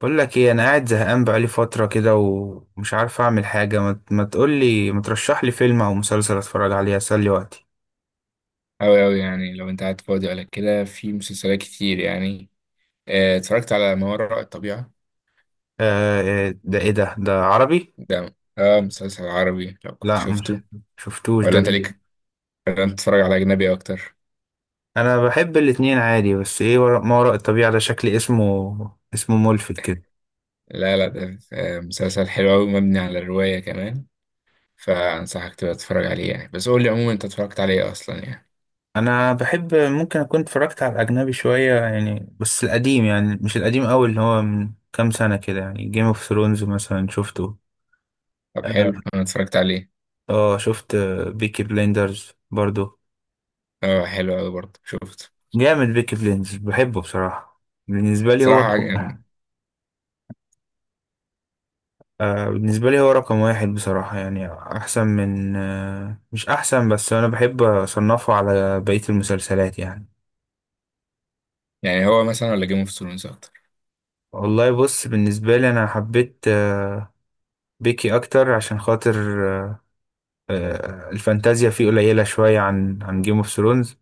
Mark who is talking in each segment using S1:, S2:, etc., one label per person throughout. S1: بقول لك ايه، انا قاعد زهقان بقالي فتره كده ومش عارف اعمل حاجه. ما تقول لي، ما ترشح لي فيلم او مسلسل اتفرج عليه اسلي وقتي.
S2: أوي أوي يعني لو أنت قاعد فاضي ولا كده في مسلسلات كتير يعني. اتفرجت على ما وراء الطبيعة.
S1: آه. آه، ده ايه ده عربي؟
S2: ده مسلسل عربي لو كنت
S1: لا مش
S2: شفته.
S1: شفتوش،
S2: ولا
S1: ده
S2: أنت
S1: جديد.
S2: ليك، ولا أنت بتتفرج على أجنبي أكتر.
S1: انا بحب الاتنين عادي. بس ايه ورا ما وراء الطبيعه ده؟ شكل اسمه ملفت كده.
S2: لا لا ده مسلسل حلو أوي مبني على الرواية كمان. فأنصحك تبقى تتفرج عليه يعني، بس قول لي عموما أنت اتفرجت عليه إيه أصلا يعني.
S1: انا بحب، ممكن اكون اتفرجت على الاجنبي شويه يعني، بس القديم، يعني مش القديم قوي، اللي هو من كام سنه كده. يعني جيم اوف ثرونز مثلا شفته.
S2: طب حلو،
S1: اه.
S2: أنا اتفرجت عليه.
S1: آه، شفت بيكي بليندرز برضو.
S2: آه، حلو أوي برضه شفته.
S1: جامد، بيكي بليندز بحبه بصراحة. بالنسبة لي هو
S2: صراحة
S1: رقم،
S2: يعني.
S1: آه بالنسبة لي هو رقم واحد بصراحة. يعني أحسن من، آه مش أحسن، بس أنا بحب أصنفه على بقية المسلسلات يعني.
S2: يعني هو مثلا ولا جيم اوف ثرونز أكتر؟
S1: والله بص، بالنسبة لي أنا حبيت، آه بيكي أكتر، عشان خاطر، آه، آه الفانتازيا فيه قليلة شوية عن جيم اوف ثرونز.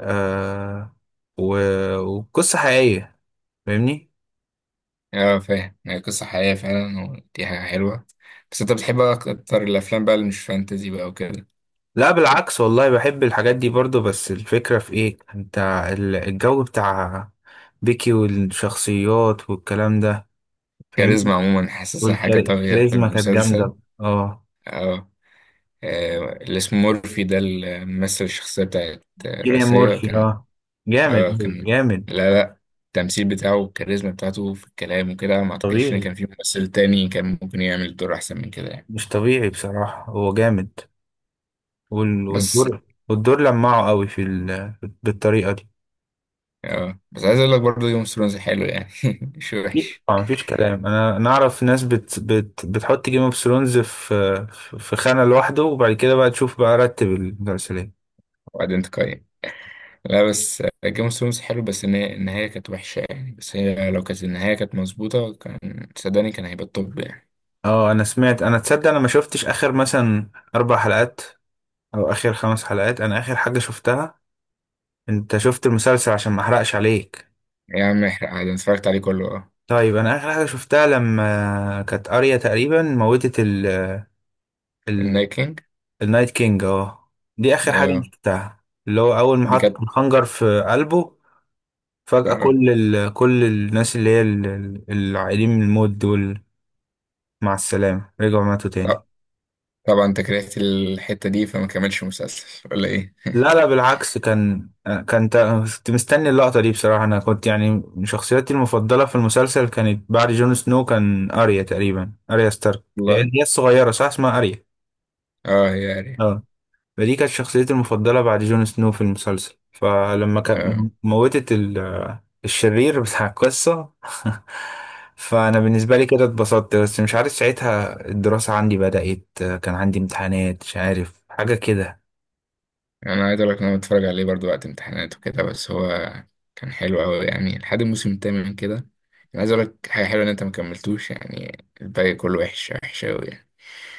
S1: آه. وقصة حقيقية. فاهمني؟
S2: اه، فاهم. هي قصة حقيقية فعلا ودي حاجة حلوة. بس انت بتحب بقى اكتر الافلام بقى اللي مش فانتزي بقى وكده؟
S1: لا بالعكس، والله بحب الحاجات دي برضو. بس الفكرة في ايه؟ انت الجو بتاع بيكي والشخصيات والكلام ده،
S2: كاريزما
S1: فاهمني.
S2: عموما حاسسها حاجة طاغية في
S1: والكاريزما كانت
S2: المسلسل.
S1: جامدة، اه.
S2: اه. آه، اللي اسمه مورفي ده اللي ممثل الشخصية بتاعت
S1: كيليان
S2: الرئيسية
S1: مورفي،
S2: كان.
S1: اه. جامد
S2: اه
S1: أوي،
S2: كان.
S1: جامد.
S2: لا لا، التمثيل بتاعه والكاريزما بتاعته في الكلام وكده ما اعتقدش ان
S1: طبيعي،
S2: كان في ممثل تاني كان ممكن يعمل الدور احسن من كده يعني.
S1: مش طبيعي بصراحة، هو جامد.
S2: بس.
S1: والدور، والدور لمعه قوي في ال... بالطريقة دي.
S2: اه، بس عايز اقول لك برضه جيم اوف ثرونز حلو يعني مش
S1: أكيد
S2: وحش.
S1: طبعا، مفيش كلام. انا نعرف ناس بتحط جيم اوف ثرونز في في خانة لوحده، وبعد كده بقى تشوف بقى رتب المسلسلات.
S2: وبعدين تقيم. لا بس جيم اوف ثرونز حلو، بس النهاية كانت وحشة يعني، بس هي لو كانت النهاية كانت مظبوطة كان صدقني كان هيبقى الطب يعني.
S1: اه انا سمعت، انا تصدق انا ما شفتش اخر مثلا اربع حلقات او اخر خمس حلقات. انا اخر حاجة شفتها، انت شفت المسلسل عشان ما احرقش عليك؟
S2: يا عم احرق عادي، أنا اتفرجت عليه كله. اه.
S1: طيب انا اخر حاجة شفتها لما كانت اريا تقريبا موتت ال، ال
S2: النايكينج.
S1: النايت كينج، اه. دي اخر حاجة أنا
S2: اه،
S1: شفتها، اللي هو اول ما
S2: دي
S1: حط
S2: كانت.
S1: الخنجر في قلبه. فجأة
S2: اه.
S1: كل ال، كل الناس اللي هي العائلين من الموت دول مع السلامة، رجعوا ماتوا تاني.
S2: طب- طبعا انت كرهت الحتة دي فما كملش مسلسل ولا ايه؟
S1: لا لا، بالعكس كان، كان كنت مستني اللقطة دي بصراحة. أنا كنت يعني شخصيتي المفضلة في المسلسل كانت بعد جون سنو كان أريا، تقريبا أريا ستارك. هي
S2: والله.
S1: هي الصغيرة، صح اسمها أريا.
S2: اه، هي يعني.
S1: اه. فدي كانت شخصيتي المفضلة بعد جون سنو في المسلسل، فلما
S2: اه.
S1: كان موتت الشرير بتاع القصة، فأنا بالنسبة لي كده اتبسطت. بس مش عارف ساعتها الدراسة عندي بدأت، كان عندي امتحانات، مش عارف حاجة كده.
S2: انا عايز اقول لك ان انا بتفرج عليه برضو وقت امتحانات وكده، بس هو كان حلو قوي يعني لحد الموسم الثامن كده. انا عايز اقول لك حاجة حلوة، ان انت ما كملتوش يعني الباقي كله وحش، وحش قوي.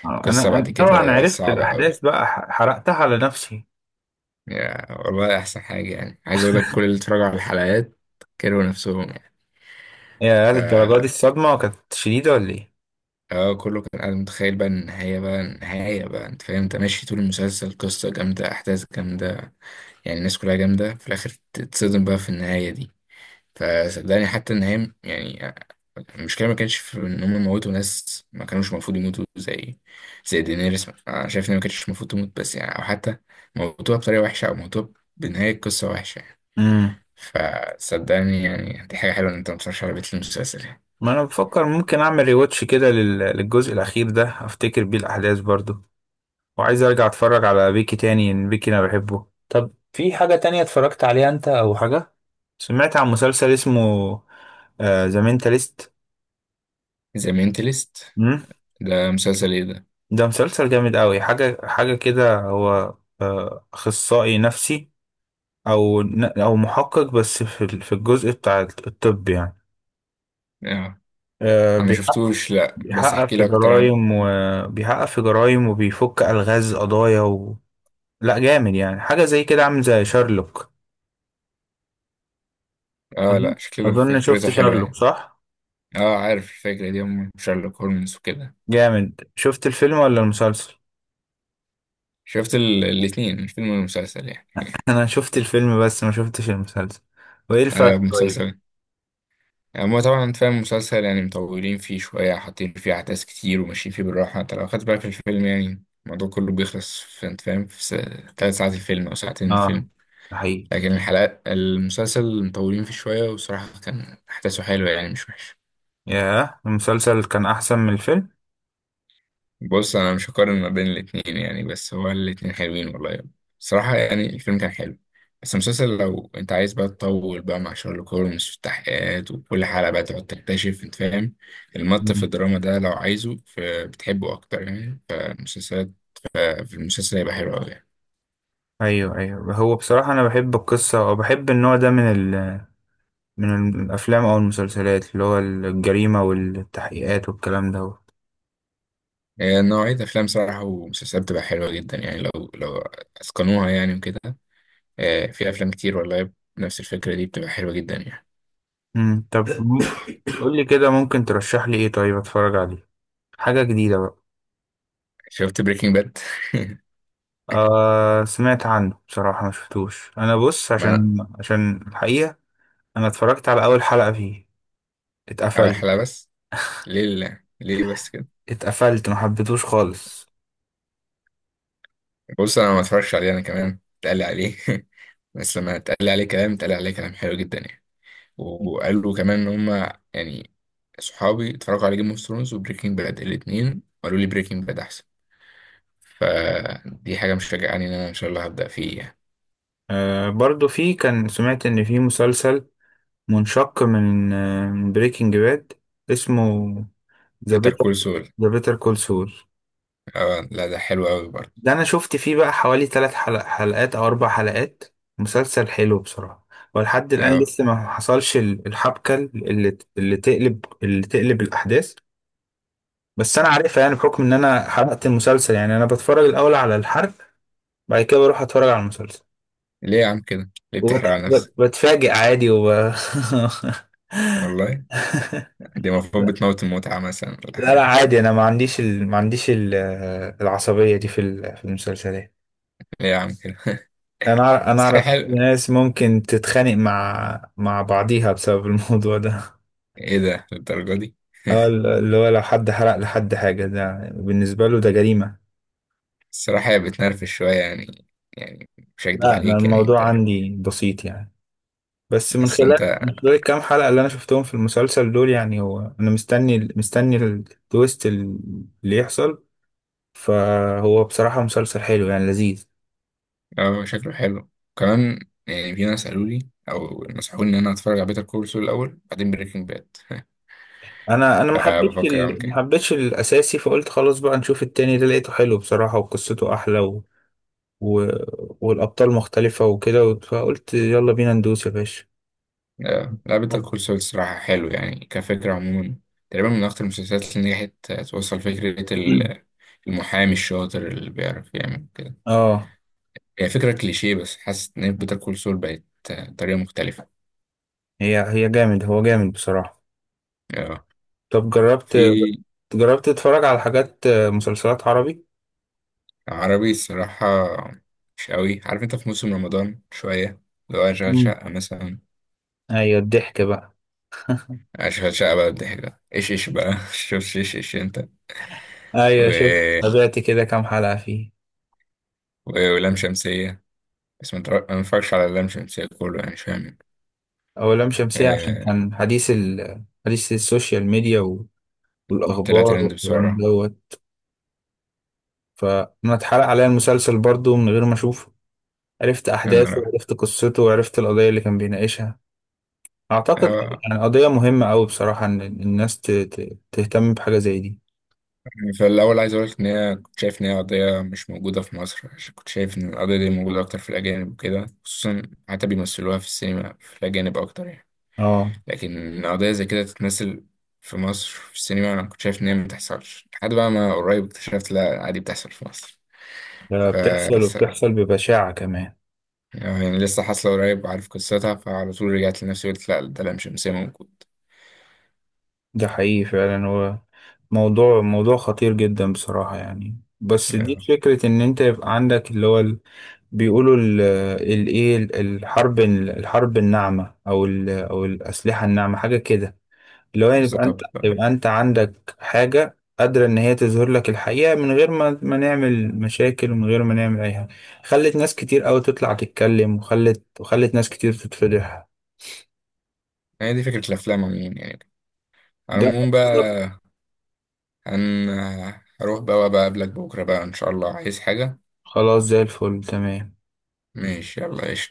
S1: آه، انا
S2: قصة
S1: أنا
S2: بعد
S1: طبعا
S2: كده
S1: عرفت
S2: صعبة أوي.
S1: الاحداث بقى، حرقتها على نفسي.
S2: يا والله أحسن حاجة يعني، عايز أقول لك كل اللي اتفرجوا على الحلقات كرهوا نفسهم يعني.
S1: يا هل الدرجه دي؟ الصدمه كانت شديده ولا ايه؟
S2: اه، كله كان قاعد متخيل بقى النهاية بقى، النهاية بقى أنت فاهم، أنت ماشي طول المسلسل قصة جامدة، أحداث جامدة يعني، الناس كلها جامدة، في الآخر تتصدم بقى في النهاية دي. فصدقني حتى النهاية يعني، المشكلة ما كانش في إن هم موتوا ناس ما كانوش المفروض يموتوا، زي زي دينيريس أنا شايف إن ما كانتش المفروض تموت، بس يعني، أو حتى موتوها بطريقة وحشة، أو موتوها بنهاية قصة وحشة يعني.
S1: امم
S2: فصدقني يعني دي حاجة حلوة إن أنت متفرجش على بيت المسلسل يعني.
S1: ما انا بفكر ممكن اعمل ريواتش كده للجزء الاخير ده، افتكر بيه الاحداث برضو. وعايز ارجع اتفرج على بيكي تاني، ان بيكي انا بحبه. طب في حاجه تانية اتفرجت عليها انت، او حاجه سمعت عن مسلسل اسمه ذا مينتاليست؟
S2: ذا مينتاليست؟
S1: امم
S2: ده مسلسل إيه ده؟
S1: ده مسلسل جامد قوي. حاجه حاجه كده، هو اخصائي نفسي، او او محقق، بس في في الجزء بتاع الطب يعني.
S2: آه.
S1: آه،
S2: أنا
S1: بيحقق،
S2: مشفتوش، لأ، بس احكي
S1: بيحقق في
S2: لي أكتر عنه.
S1: جرائم، وبيحقق في جرائم، وبيفك الغاز قضايا و... لا جامد يعني، حاجه زي كده، عامل زي شارلوك.
S2: آه
S1: أظن،
S2: لأ، شكله
S1: أظن
S2: فكرته
S1: شفت
S2: حلوة
S1: شارلوك،
S2: يعني.
S1: صح؟
S2: آه، عارف الفكرة دي أم شارلوك هولمز وكده.
S1: جامد. شفت الفيلم ولا المسلسل؟
S2: شفت الاتنين، الفيلم والمسلسل يعني.
S1: انا شفت الفيلم بس ما شفتش المسلسل. وايه
S2: آه،
S1: الفرق طيب؟
S2: المسلسل هما طبعا أنت فاهم المسلسل يعني مطولين فيه شوية، حاطين فيه أحداث كتير وماشيين فيه بالراحة، أنت لو خدت بالك في الفيلم يعني الموضوع كله بيخلص في أنت فاهم في 3 ساعات الفيلم أو ساعتين
S1: اه
S2: الفيلم.
S1: ده حقيقي.
S2: لكن الحلقات المسلسل مطولين فيه شوية، وصراحة كان أحداثه حلوة يعني مش وحشة.
S1: ياه، المسلسل كان احسن من الفيلم.
S2: بص أنا مش هقارن ما بين الاتنين يعني، بس هو الاتنين حلوين والله. صراحة يعني الفيلم كان حلو، بس المسلسل لو أنت عايز بقى تطول بقى مع شارلوك هولمز والتحقيقات، وكل حلقة بقى تقعد تكتشف أنت فاهم، المط في
S1: مم.
S2: الدراما ده لو عايزه فبتحبه أكتر يعني، فالمسلسلات، في المسلسل هيبقى حلو أوي يعني.
S1: ايوه ايوه، هو بصراحه انا بحب القصه وبحب النوع ده من ال، من الأفلام أو المسلسلات، اللي هو الجريمة والتحقيقات والكلام ده.
S2: آه، نوعية أفلام صراحة ومسلسلات بتبقى حلوة جدا يعني، لو لو أتقنوها يعني وكده. آه، في افلام كتير والله نفس الفكره دي بتبقى حلوه جدا يعني.
S1: طب قولي كده، ممكن ترشح لي إيه طيب أتفرج عليه؟ حاجة جديدة بقى.
S2: شفت بريكنج باد؟
S1: آه سمعت عنه بصراحة، ما شفتوش. أنا بص،
S2: ما أنا.
S1: عشان، عشان الحقيقة أنا اتفرجت على أول حلقة فيه،
S2: اول
S1: اتقفلت.
S2: حلقه بس؟ ليه؟ لا ليه بس كده؟
S1: اتقفلت، ما حبيتهوش خالص.
S2: بص انا ما اتفرجش عليه، انا كمان اتقال لي عليه بس لما اتقال لي عليه كلام، اتقال لي عليه كلام حلو جدا يعني. وقالوا كمان ان هم يعني صحابي اتفرجوا على جيم اوف ثرونز وبريكنج باد الاثنين، وقالوا لي بريكنج باد احسن. فدي حاجه مشجعاني ان انا ان شاء الله هبدا فيه يعني.
S1: آه برضو فيه، كان سمعت إن فيه مسلسل منشق من آه بريكنج باد اسمه ذا
S2: بيتر
S1: بيتر،
S2: كول سول.
S1: ذا بيتر كول سول.
S2: اه لا، ده حلو قوي برضه.
S1: ده انا شفت فيه بقى حوالي ثلاث حلقات او اربع حلقات. مسلسل حلو بصراحة، ولحد الان
S2: اه.
S1: لسه ما حصلش الحبكة اللي، اللي تقلب الاحداث. بس انا عارفها يعني، بحكم ان انا حرقت المسلسل. يعني انا بتفرج الاول على الحرق، بعد كده بروح اتفرج على المسلسل.
S2: ليه يا عم كده؟ ليه بتحرق على نفسك؟
S1: وبتفاجئ عادي وب...
S2: والله، دي المفروض بتموت المتعة مثلا ولا
S1: لا لا
S2: حاجة؟
S1: عادي، انا ما عنديش ال... ما عنديش ال... العصبية دي في في المسلسلات.
S2: ليه يا عم كده؟
S1: انا
S2: بس حاجة
S1: اعرف
S2: حلوة.
S1: ناس ممكن تتخانق مع بعضيها بسبب الموضوع ده.
S2: ايه ده للدرجة دي؟
S1: اه اللي هو لو حد حرق لحد حاجة، ده بالنسبة له ده جريمة.
S2: الصراحة هي بتنرفز شوية يعني، يعني مش هكدب
S1: لا انا
S2: عليك يعني
S1: الموضوع
S2: انت.
S1: عندي بسيط يعني. بس من
S2: بس
S1: خلال،
S2: انت.
S1: من خلال الكام حلقة اللي انا شفتهم في المسلسل دول، يعني هو انا مستني، مستني التويست اللي يحصل. فهو بصراحة مسلسل حلو يعني، لذيذ.
S2: اه شكله حلو كمان. يعني في ناس قالوا لي او نصحوني ان انا اتفرج على بيتر كول سول الاول بعدين بريكنج باد،
S1: انا، انا ما حبيتش
S2: فبفكر اعمل
S1: ال-، ما
S2: كده.
S1: حبيتش الاساسي، فقلت خلاص بقى نشوف التاني ده، لقيته حلو بصراحة وقصته احلى. و... والأبطال مختلفة وكده، فقلت يلا بينا ندوس يا باشا.
S2: اه، لا بيتر
S1: طب.
S2: كول سول الصراحة حلو يعني كفكرة عموما. تقريبا من اكتر المسلسلات اللي نجحت توصل فكرة المحامي الشاطر اللي بيعرف يعمل كده.
S1: اه.
S2: هي فكرة كليشيه بس حاسس إن بيتر كول سول بقت آه، طريقة مختلفة.
S1: هي هي جامد، هو جامد بصراحة.
S2: آه.
S1: طب جربت،
S2: في.
S1: جربت تتفرج على حاجات مسلسلات عربي؟
S2: عربي الصراحة مش قوي، عارف أنت في موسم رمضان شوية. لو أشغل
S1: مم.
S2: شقة مثلا،
S1: ايوه الضحك بقى،
S2: أشغل شقة بقى الضحك ده، إيش إيش بقى شوف إيش إيش أنت.
S1: ايوه شوف
S2: و...
S1: تابعت كده كام حلقة فيه.
S2: ولام شمسية. بس ما اتفرجش على لام شمسية كله يعني، مش فاهم.
S1: أولام شمسية عشان
S2: آه.
S1: كان حديث ال...، حديث السوشيال ميديا و...
S2: طلع
S1: والأخبار
S2: ترند
S1: والكلام
S2: بسرعة.
S1: دوت. فأنا اتحرق عليا المسلسل برضو من غير ما أشوفه، عرفت أحداثه
S2: أنا
S1: وعرفت قصته وعرفت القضية اللي كان بيناقشها. اعتقد
S2: رأي.
S1: يعني قضية مهمة أوي بصراحة، ان الناس تهتم بحاجة زي دي.
S2: يعني فالأول عايز أقولك إن هي كنت شايف إن هي قضية مش موجودة في مصر، عشان كنت شايف إن القضية دي موجودة أكتر في الأجانب وكده، خصوصا حتى بيمثلوها في السينما في الأجانب أكتر يعني.
S1: اه
S2: لكن قضية زي كده تتمثل في مصر في السينما، أنا كنت شايف إن هي مبتحصلش، لحد بقى ما قريب اكتشفت لأ عادي بتحصل في مصر.
S1: ده
S2: ف
S1: بتحصل،
S2: س-
S1: وبتحصل ببشاعة كمان.
S2: يعني لسه حاصلة قريب وعارف قصتها، فعلى طول رجعت لنفسي قلت لأ ده لام شمسية موجود.
S1: ده حقيقي فعلا. هو موضوع، موضوع خطير جدا بصراحة يعني. بس دي
S2: آه،
S1: فكرة ان انت يبقى عندك اللي هو بيقولوا الايه، الحرب، الحرب الناعمة او او الأسلحة الناعمة حاجة كده. اللي هو يعني يبقى انت،
S2: بالظبط بقى.
S1: يبقى انت عندك حاجة قادرة ان هي تظهر لك الحقيقة، من غير ما نعمل مشاكل ومن غير ما نعمل اي حاجة. خلت ناس كتير قوي تطلع تتكلم، وخلت ناس كتير تتفضح.
S2: هي دي فكرة الأفلام عموما يعني، على
S1: ده
S2: العموم بقى. هن هروح بقى وأبقى أقابلك بكرة بقى إن شاء الله، عايز حاجة؟
S1: خلاص، زي الفل تمام.
S2: ماشي يلا قشطة.